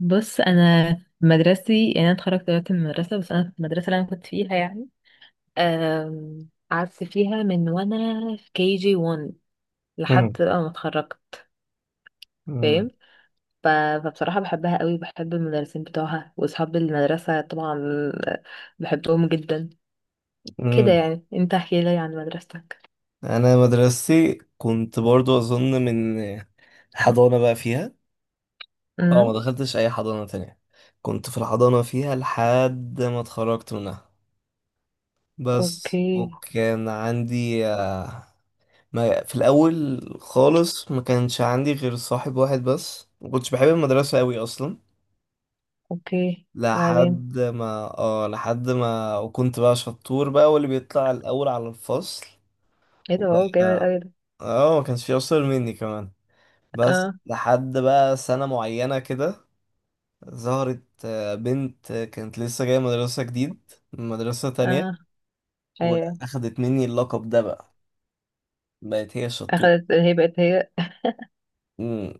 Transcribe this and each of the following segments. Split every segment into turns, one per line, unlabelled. بص، انا مدرستي يعني انا اتخرجت دلوقتي من المدرسه، بس انا في المدرسه اللي انا كنت فيها يعني، قعدت فيها من وانا في كي جي 1 لحد
مم.
بقى ما اتخرجت،
مم.
فاهم؟ ف- فبصراحه بحبها قوي وبحب المدرسين بتوعها واصحاب المدرسه طبعا، آه، بحبهم جدا. كده
مم.
يعني، انت احكي لي عن مدرستك.
انا مدرستي كنت برضو اظن من حضانة بقى فيها. اه، ما
امم.
دخلتش اي حضانة تانية. كنت في الحضانة فيها لحد ما اتخرجت منها بس.
اوكي.
وكان عندي ما في الاول خالص، ما كانش عندي غير صاحب واحد بس. ما كنتش بحب المدرسة قوي اصلا.
اوكي، وبعدين؟
لحد ما، وكنت بقى شطور بقى واللي بيطلع الاول على الفصل.
ايه ده،
وبقى
واو جامد قوي ده.
ما كانش في اشطر مني كمان. بس
اه،
لحد بقى سنة معينة كده ظهرت بنت كانت لسه جاية مدرسة جديد من مدرسة تانية،
اه، ايوه.
وأخدت مني اللقب ده بقى، بقت هي الشطور.
اخدت هي، بقت هي.
مم.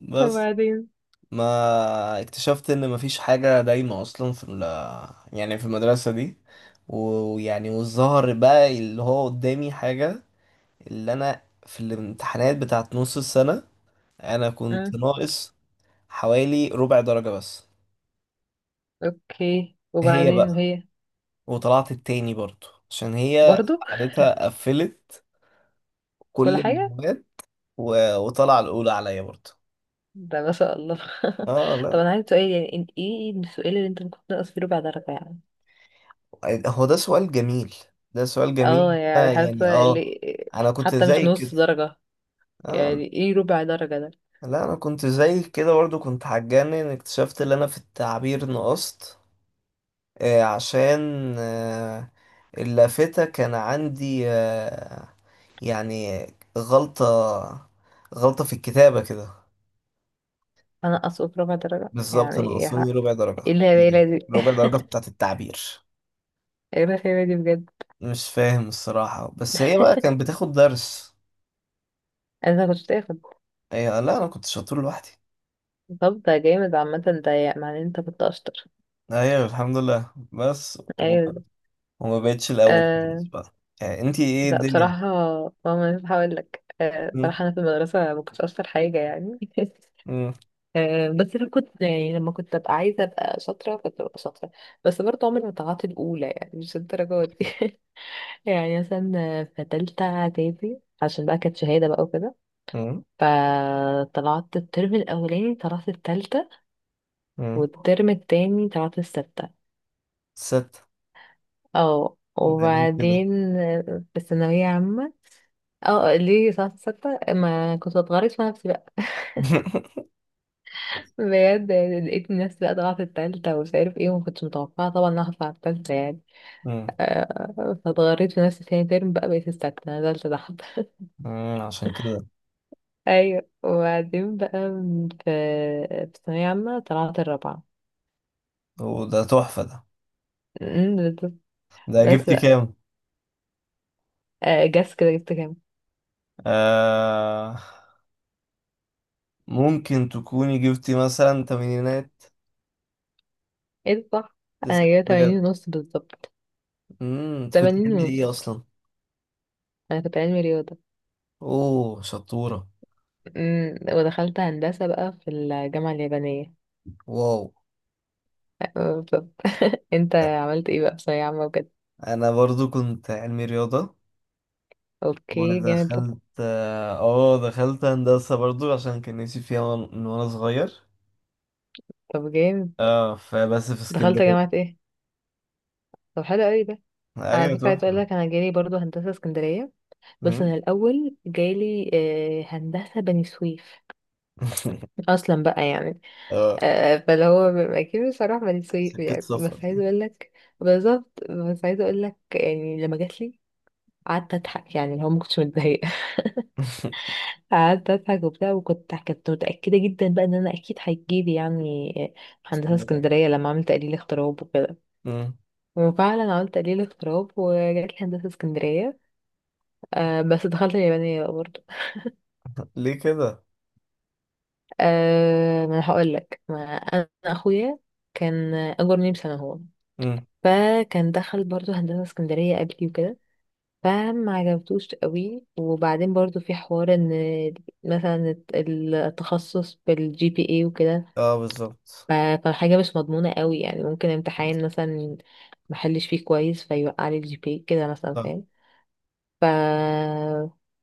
بس
وبعدين؟
ما اكتشفت إن مفيش حاجة دايمة أصلا في يعني في المدرسة دي. ويعني، والظهر بقى اللي هو قدامي حاجة، اللي أنا في الامتحانات بتاعت نص السنة أنا كنت ناقص حوالي ربع درجة بس.
اوكي،
هي
وبعدين
بقى،
هي؟
وطلعت التاني برضو عشان هي
برضو.
قعدتها قفلت
كل
كل
حاجة.
المواد. و... وطلع الأولى عليا برضو.
ده ما شاء الله.
اه
طب
لا،
انا عايز سؤال يعني، ايه السؤال اللي انت ممكن تنقص فيه ربع درجة يعني؟
هو ده سؤال جميل، ده سؤال
اه
جميل،
يعني،
يعني، اه انا كنت
حتى مش
زي كده.
نص درجة،
آه
يعني ايه ربع درجة ده؟
لا، انا كنت زي كده برضو، كنت هتجنن ان اكتشفت ان انا في التعبير نقصت. عشان آه اللافتة كان عندي، يعني غلطة غلطة في الكتابة كده.
هنقصه بربع درجة
بالظبط
يعني ايه
ناقصاني ربع درجة،
إيه الهبالة دي؟
ربع درجة بتاعت التعبير.
ايه الهبالة دي بجد؟
مش فاهم الصراحة، بس هي بقى كانت بتاخد درس.
انا كنت تاخد.
لا، أنا كنت شاطر لوحدي.
طب ده جامد عامة ده، يعني معناه إن انت كنت اشطر.
أيوة، الحمد لله بس.
ايوه.
وما بقتش الأول خالص
آه،
بقى. يعني أنتي إيه
لا بصراحة.
الدنيا؟
ماما مش هقول لك،
م-
بصراحة أنا في المدرسة ما كنتش أشطر حاجة يعني.
م-
بس أنا كنت يعني لما كنت أبقى عايزة أبقى شاطرة كنت ببقى شاطرة، بس برضه عمري ما طلعت الأولى يعني، مش الدرجة دي. يعني مثلا في تالتة إعدادي، عشان بقى كانت شهادة بقى وكده،
م-
فطلعت الترم الأولاني طلعت التالتة،
م.
والترم التاني طلعت الستة.
ست.
اه،
ده ليه كده؟
وبعدين في الثانوية عامة. اه ليه طلعت الستة؟ ما كنت بتغرس في نفسي بقى، بجد يعني. لقيت الناس بقى طالعة في التالتة ومش عارف ايه، وما كنتش متوقعة طبعا ان أنا هطلع التالتة يعني.
م-
فاتغريت في نفسي تاني ترم بقى، بقيت السادسة نزلت تحت.
عشان كده.
ايوه، وبعدين بقى في ثانوية عامة طلعت الرابعة.
وده تحفة ده.
أمم، بالظبط.
ده
بس
جبتي
بقى،
كام؟
جس كده جبت كام؟
آه، ممكن تكوني جبتي مثلا تمانينات.
ايه ده، صح. انا جايبة
بجد.
تمانين ونص بالظبط.
انت كنت
تمانين
بتعمل ايه
ونص.
اصلا؟
انا كنت علمي رياضة.
اوه، شطورة.
أمم، ودخلت هندسة بقى في الجامعة اليابانية.
واو.
بالظبط. انت عملت ايه بقى في ثانوية عامة وكده؟
انا برضو كنت علمي رياضة،
اوكي جامد.
ودخلت اه دخلت هندسة برضو عشان كان نفسي فيها، من وانا صغير.
طب جامد.
اه، فبس في
دخلت جامعة
اسكندرية.
ايه؟ طب حلو قوي ده. على
ايوه،
فكرة عايز اقول
تحفة.
لك انا جالي برضو هندسة اسكندرية، بس
أمم.
انا الاول جالي، هندسة بني سويف، اصلا بقى يعني.
اه،
فاللي هو بيبقى اكيد بصراحة بني سويف
سكة
يعني،
سفر
بس عايز
دي.
اقول لك، بالظبط بس عايز اقول لك يعني لما جات لي قعدت اضحك يعني اللي هو ما كنتش متضايقة. قعدت اضحك وبتاع، وكنت متأكدة جدا بقى ان انا اكيد هيجيلي يعني هندسة
اسكندرية.
اسكندرية لما عملت تقليل اغتراب وكده.
أمم.
وفعلا عملت تقليل اضطراب وجات لي هندسة اسكندرية. أه بس دخلت اليابانية بقى برضه.
ليه كده؟
أه ما انا هقول لك، ما انا اخويا كان اجرني بسنة هو.
أمم.
فكان دخل برضه هندسة اسكندرية قبلي وكده، فما عجبتوش قوي. وبعدين برضه في حوار ان مثلا التخصص بالجي بي اي وكده،
اه، بالظبط.
ف- فحاجة مش مضمونة قوي يعني، ممكن امتحان مثلا محلش فيه كويس فيوقع لي الجي بي كده مثلا،
صح.
فاهم؟ ف...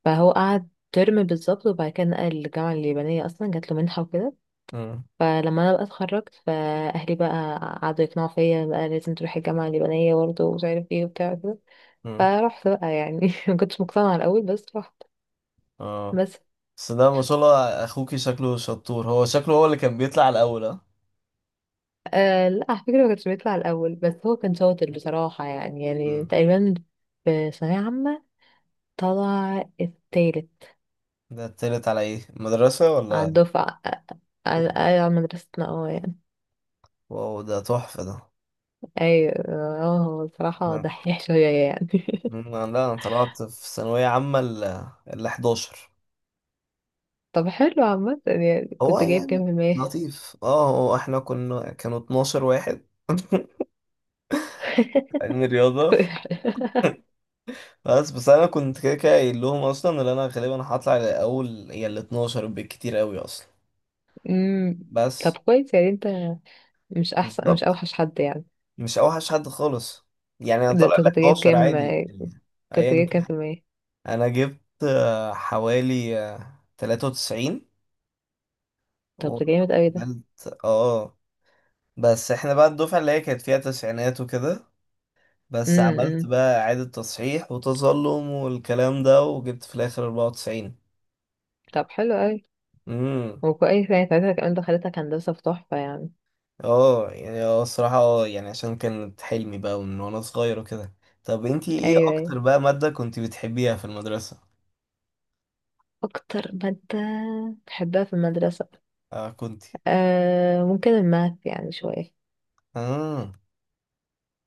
فهو قعد ترم بالظبط، وبعد كده نقل الجامعة اليابانية أصلا جات له منحة وكده.
أمم.
فلما أنا بقى اتخرجت، فأهلي بقى قعدوا يقنعوا فيا بقى لازم تروحي الجامعة اليابانية برضه، ومش عارف ايه وبتاع كده.
أمم.
فرحت بقى يعني، مكنتش مقتنعة الأول بس رحت.
اه،
بس.
بس ده ما شاء الله اخوكي شكله شطور، هو شكله هو اللي كان بيطلع الاول، ها؟
آه لا، على فكرة مكنتش بيطلع الأول، بس هو كان شاطر بصراحة يعني، يعني
مم.
تقريبا في ثانوية عامة طلع التالت
ده طلعت على ايه، مدرسة
على
ولا؟
الدفعة. على
واو.
على مدرستنا اه يعني.
واو، ده تحفة ده.
ايوه، اه هو بصراحة
لا،
دحيح شوية يعني.
مم، لا، انا طلعت في ثانوية عامة ال 11.
طب حلو عامة يعني،
هو
كنت جايب كام
يعني
في المية؟
لطيف، هو احنا كنا كانوا 12 واحد علم رياضة. بس انا كنت كده كده قايل لهم اصلا ان انا غالبا هطلع الاول يا ال 12 بالكتير قوي اصلا.
أمم.
بس
طب كويس يعني، انت مش احسن مش
بالظبط،
اوحش حد يعني.
مش اوحش حد خالص، يعني انا
ده
طالع
انت
ال
كنت جايب
11
كام؟
عادي. يعني،
كنت
ايا،
جايب كام في المية؟
انا جبت حوالي 93
طب ده جامد اوي ده.
وعملت. اه بس احنا بقى الدفعة اللي هي كانت فيها تسعينات وكده. بس عملت
امم.
بقى اعادة تصحيح وتظلم والكلام ده وجبت في الاخر 94.
طب حلو اوي.
امم
وكويس يعني ساعتها كمان دخلتك هندسة في تحفة يعني.
اه يعني، الصراحة، يعني عشان كانت حلمي بقى من وانا صغير وكده. طب انتي ايه
ايوه ايوه.
اكتر بقى مادة كنتي بتحبيها في المدرسة؟
اكتر مادة بحبها في المدرسة
اه، كنتي.
آه، ممكن الماث يعني شوية.
اه،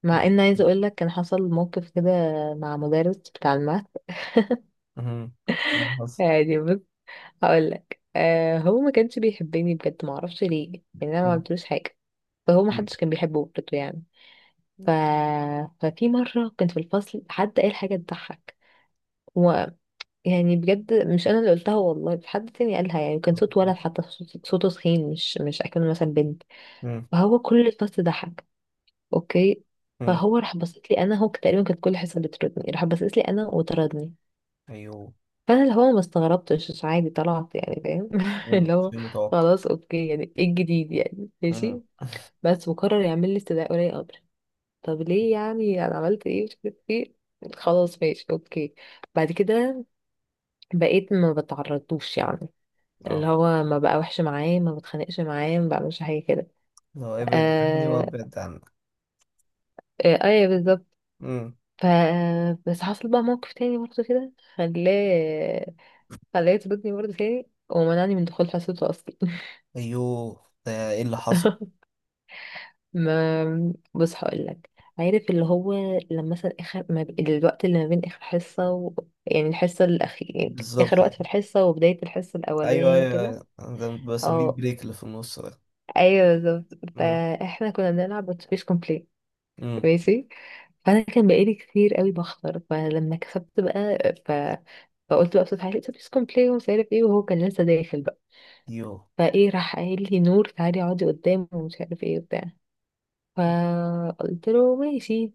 مع ان عايزه اقول لك كان حصل موقف كده مع مدرس بتاع الماث.
امم. اللي حصل؟
يعني بص، هقول لك. آه هو ما كانش بيحبني بجد، ما اعرفش ليه يعني، انا ما
مم.
عملتلوش حاجه. فهو ما
مم.
حدش كان بيحبه برضه يعني. ف... ففي مره كنت في الفصل، حد قال حاجه تضحك و... يعني بجد مش انا اللي قلتها والله، في حد تاني قالها يعني، كان صوت ولد حتى، صوته تخين، مش اكنه مثلا بنت. فهو كل الفصل ضحك. اوكي.
مم.
فهو راح بصيت لي انا، هو تقريبا كانت كل حصه بتردني، راح بصيت لي انا وطردني.
ايوه.
فانا اللي هو ما استغربتش، عادي طلعت يعني، فاهم؟
امم،
اللي هو
شيء متوقع.
خلاص اوكي، يعني ايه الجديد يعني؟
امم.
ماشي. بس وقرر يعمل لي استدعاء ولي امر. طب ليه يعني، انا عملت ايه مش عارف ايه؟ خلاص ماشي اوكي. بعد كده بقيت ما بتعرضوش يعني، اللي
اه،
هو ما بقى وحش معاه، ما بتخانقش معاه، ما بعملش حاجه كده.
لو ابعد عني
آه.
وابعد عنك.
آه ايوه بالظبط.
امم.
ف بس حصل بقى موقف تاني برضه كده خلاه يطردني برضه تاني، ومنعني من دخول حصته اصلا.
ايوه، ده ايه اللي حصل؟
ما بص هقول لك، عارف اللي هو لما مثلا اخر ما ب... الوقت اللي ما بين اخر حصه يعني الحصه الاخير يعني، اخر
بالظبط.
وقت في الحصه وبدايه الحصه
ايوه،
الاولانيه
ايوه،
وكده.
ايوه. ده بسميه
اه
البريك اللي في النص ده.
ايوه بالظبط.
امم.
فاحنا كنا بنلعب اتوبيس كومبليت.
امم.
ماشي. فانا كان بقالي كتير قوي بخسر، فلما كسبت بقى فقلت بقى بصوت عالي اتوبيس كومبليت ومش عارف ايه، وهو كان لسه داخل بقى.
ايوه.
فايه راح قايل لي نور تعالي اقعدي قدام ومش عارف ايه وبتاع. فقلت له ماشي،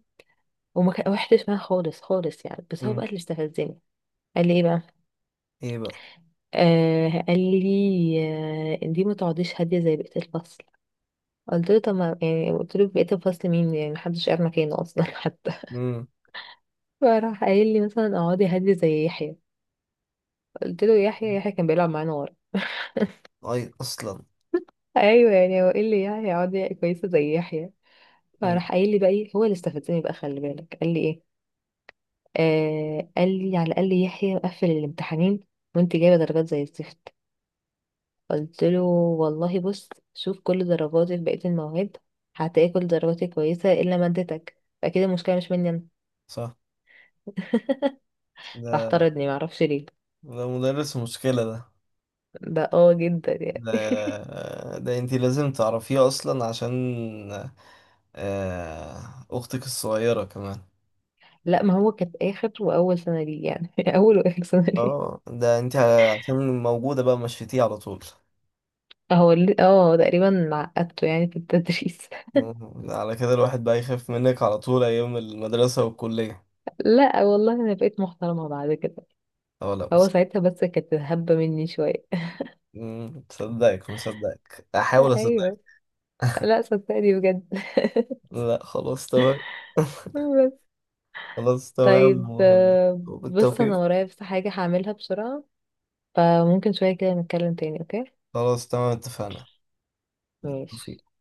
روحتش معاه خالص خالص يعني، بس هو بقى
امم.
اللي استفزني. قال لي ايه بقى؟
ايه بقى؟
قال لي، دي ما تقعديش هاديه زي بقيه الفصل. قلت له طب ما يعني، قلت له بقيه الفصل مين يعني؟ محدش قاعد مكانه اصلا حتى
امم.
فراح قايل لي مثلا اقعدي هاديه زي يحيى. قلت له يحيى؟ يحيى كان بيلعب معانا ورا.
اي، اصلا.
ايوه يعني، هو ايه اللي يحيى اقعدي كويسه زي يحيى؟
امم.
فراح قايل لي بقى ايه، هو اللي استفزني بقى خلي بالك، قال لي ايه؟ قال لي على الاقل يحيى قفل الامتحانين، وانت جايبه درجات زي الزفت. قلت له والله بص، شوف كل درجاتي في بقية المواد، هتلاقي كل درجاتي كويسة إلا مادتك، فأكيد المشكلة مش مني أنا.
صح.
راح
ده
طردني معرفش ليه.
ده مدرس مشكلة ده.
ده اه جدا يعني.
ده ده انتي لازم تعرفيه اصلا عشان اختك الصغيرة كمان.
لا ما هو كانت آخر وأول سنة ليه يعني، أول وآخر سنة ليه.
اه، ده انت عشان موجودة بقى مشيتيه على طول.
اه تقريبا عقدته يعني في التدريس.
مم. على كده الواحد بقى يخاف منك على طول ايام المدرسة والكلية.
لا والله أنا بقيت محترمة بعد كده،
اه، لا،
هو ساعتها بس كانت هبة مني شوية.
مصدقك مصدقك، احاول اصدقك.
أيوه. لا صدقني بجد.
لا، خلاص تمام.
بس.
خلاص تمام.
طيب، بص
وبالتوفيق.
انا ورايا بس حاجة هعملها بسرعة، فممكن شوية كده نتكلم تاني، اوكي؟
خلاص تمام، اتفقنا. بالتوفيق.
ماشي.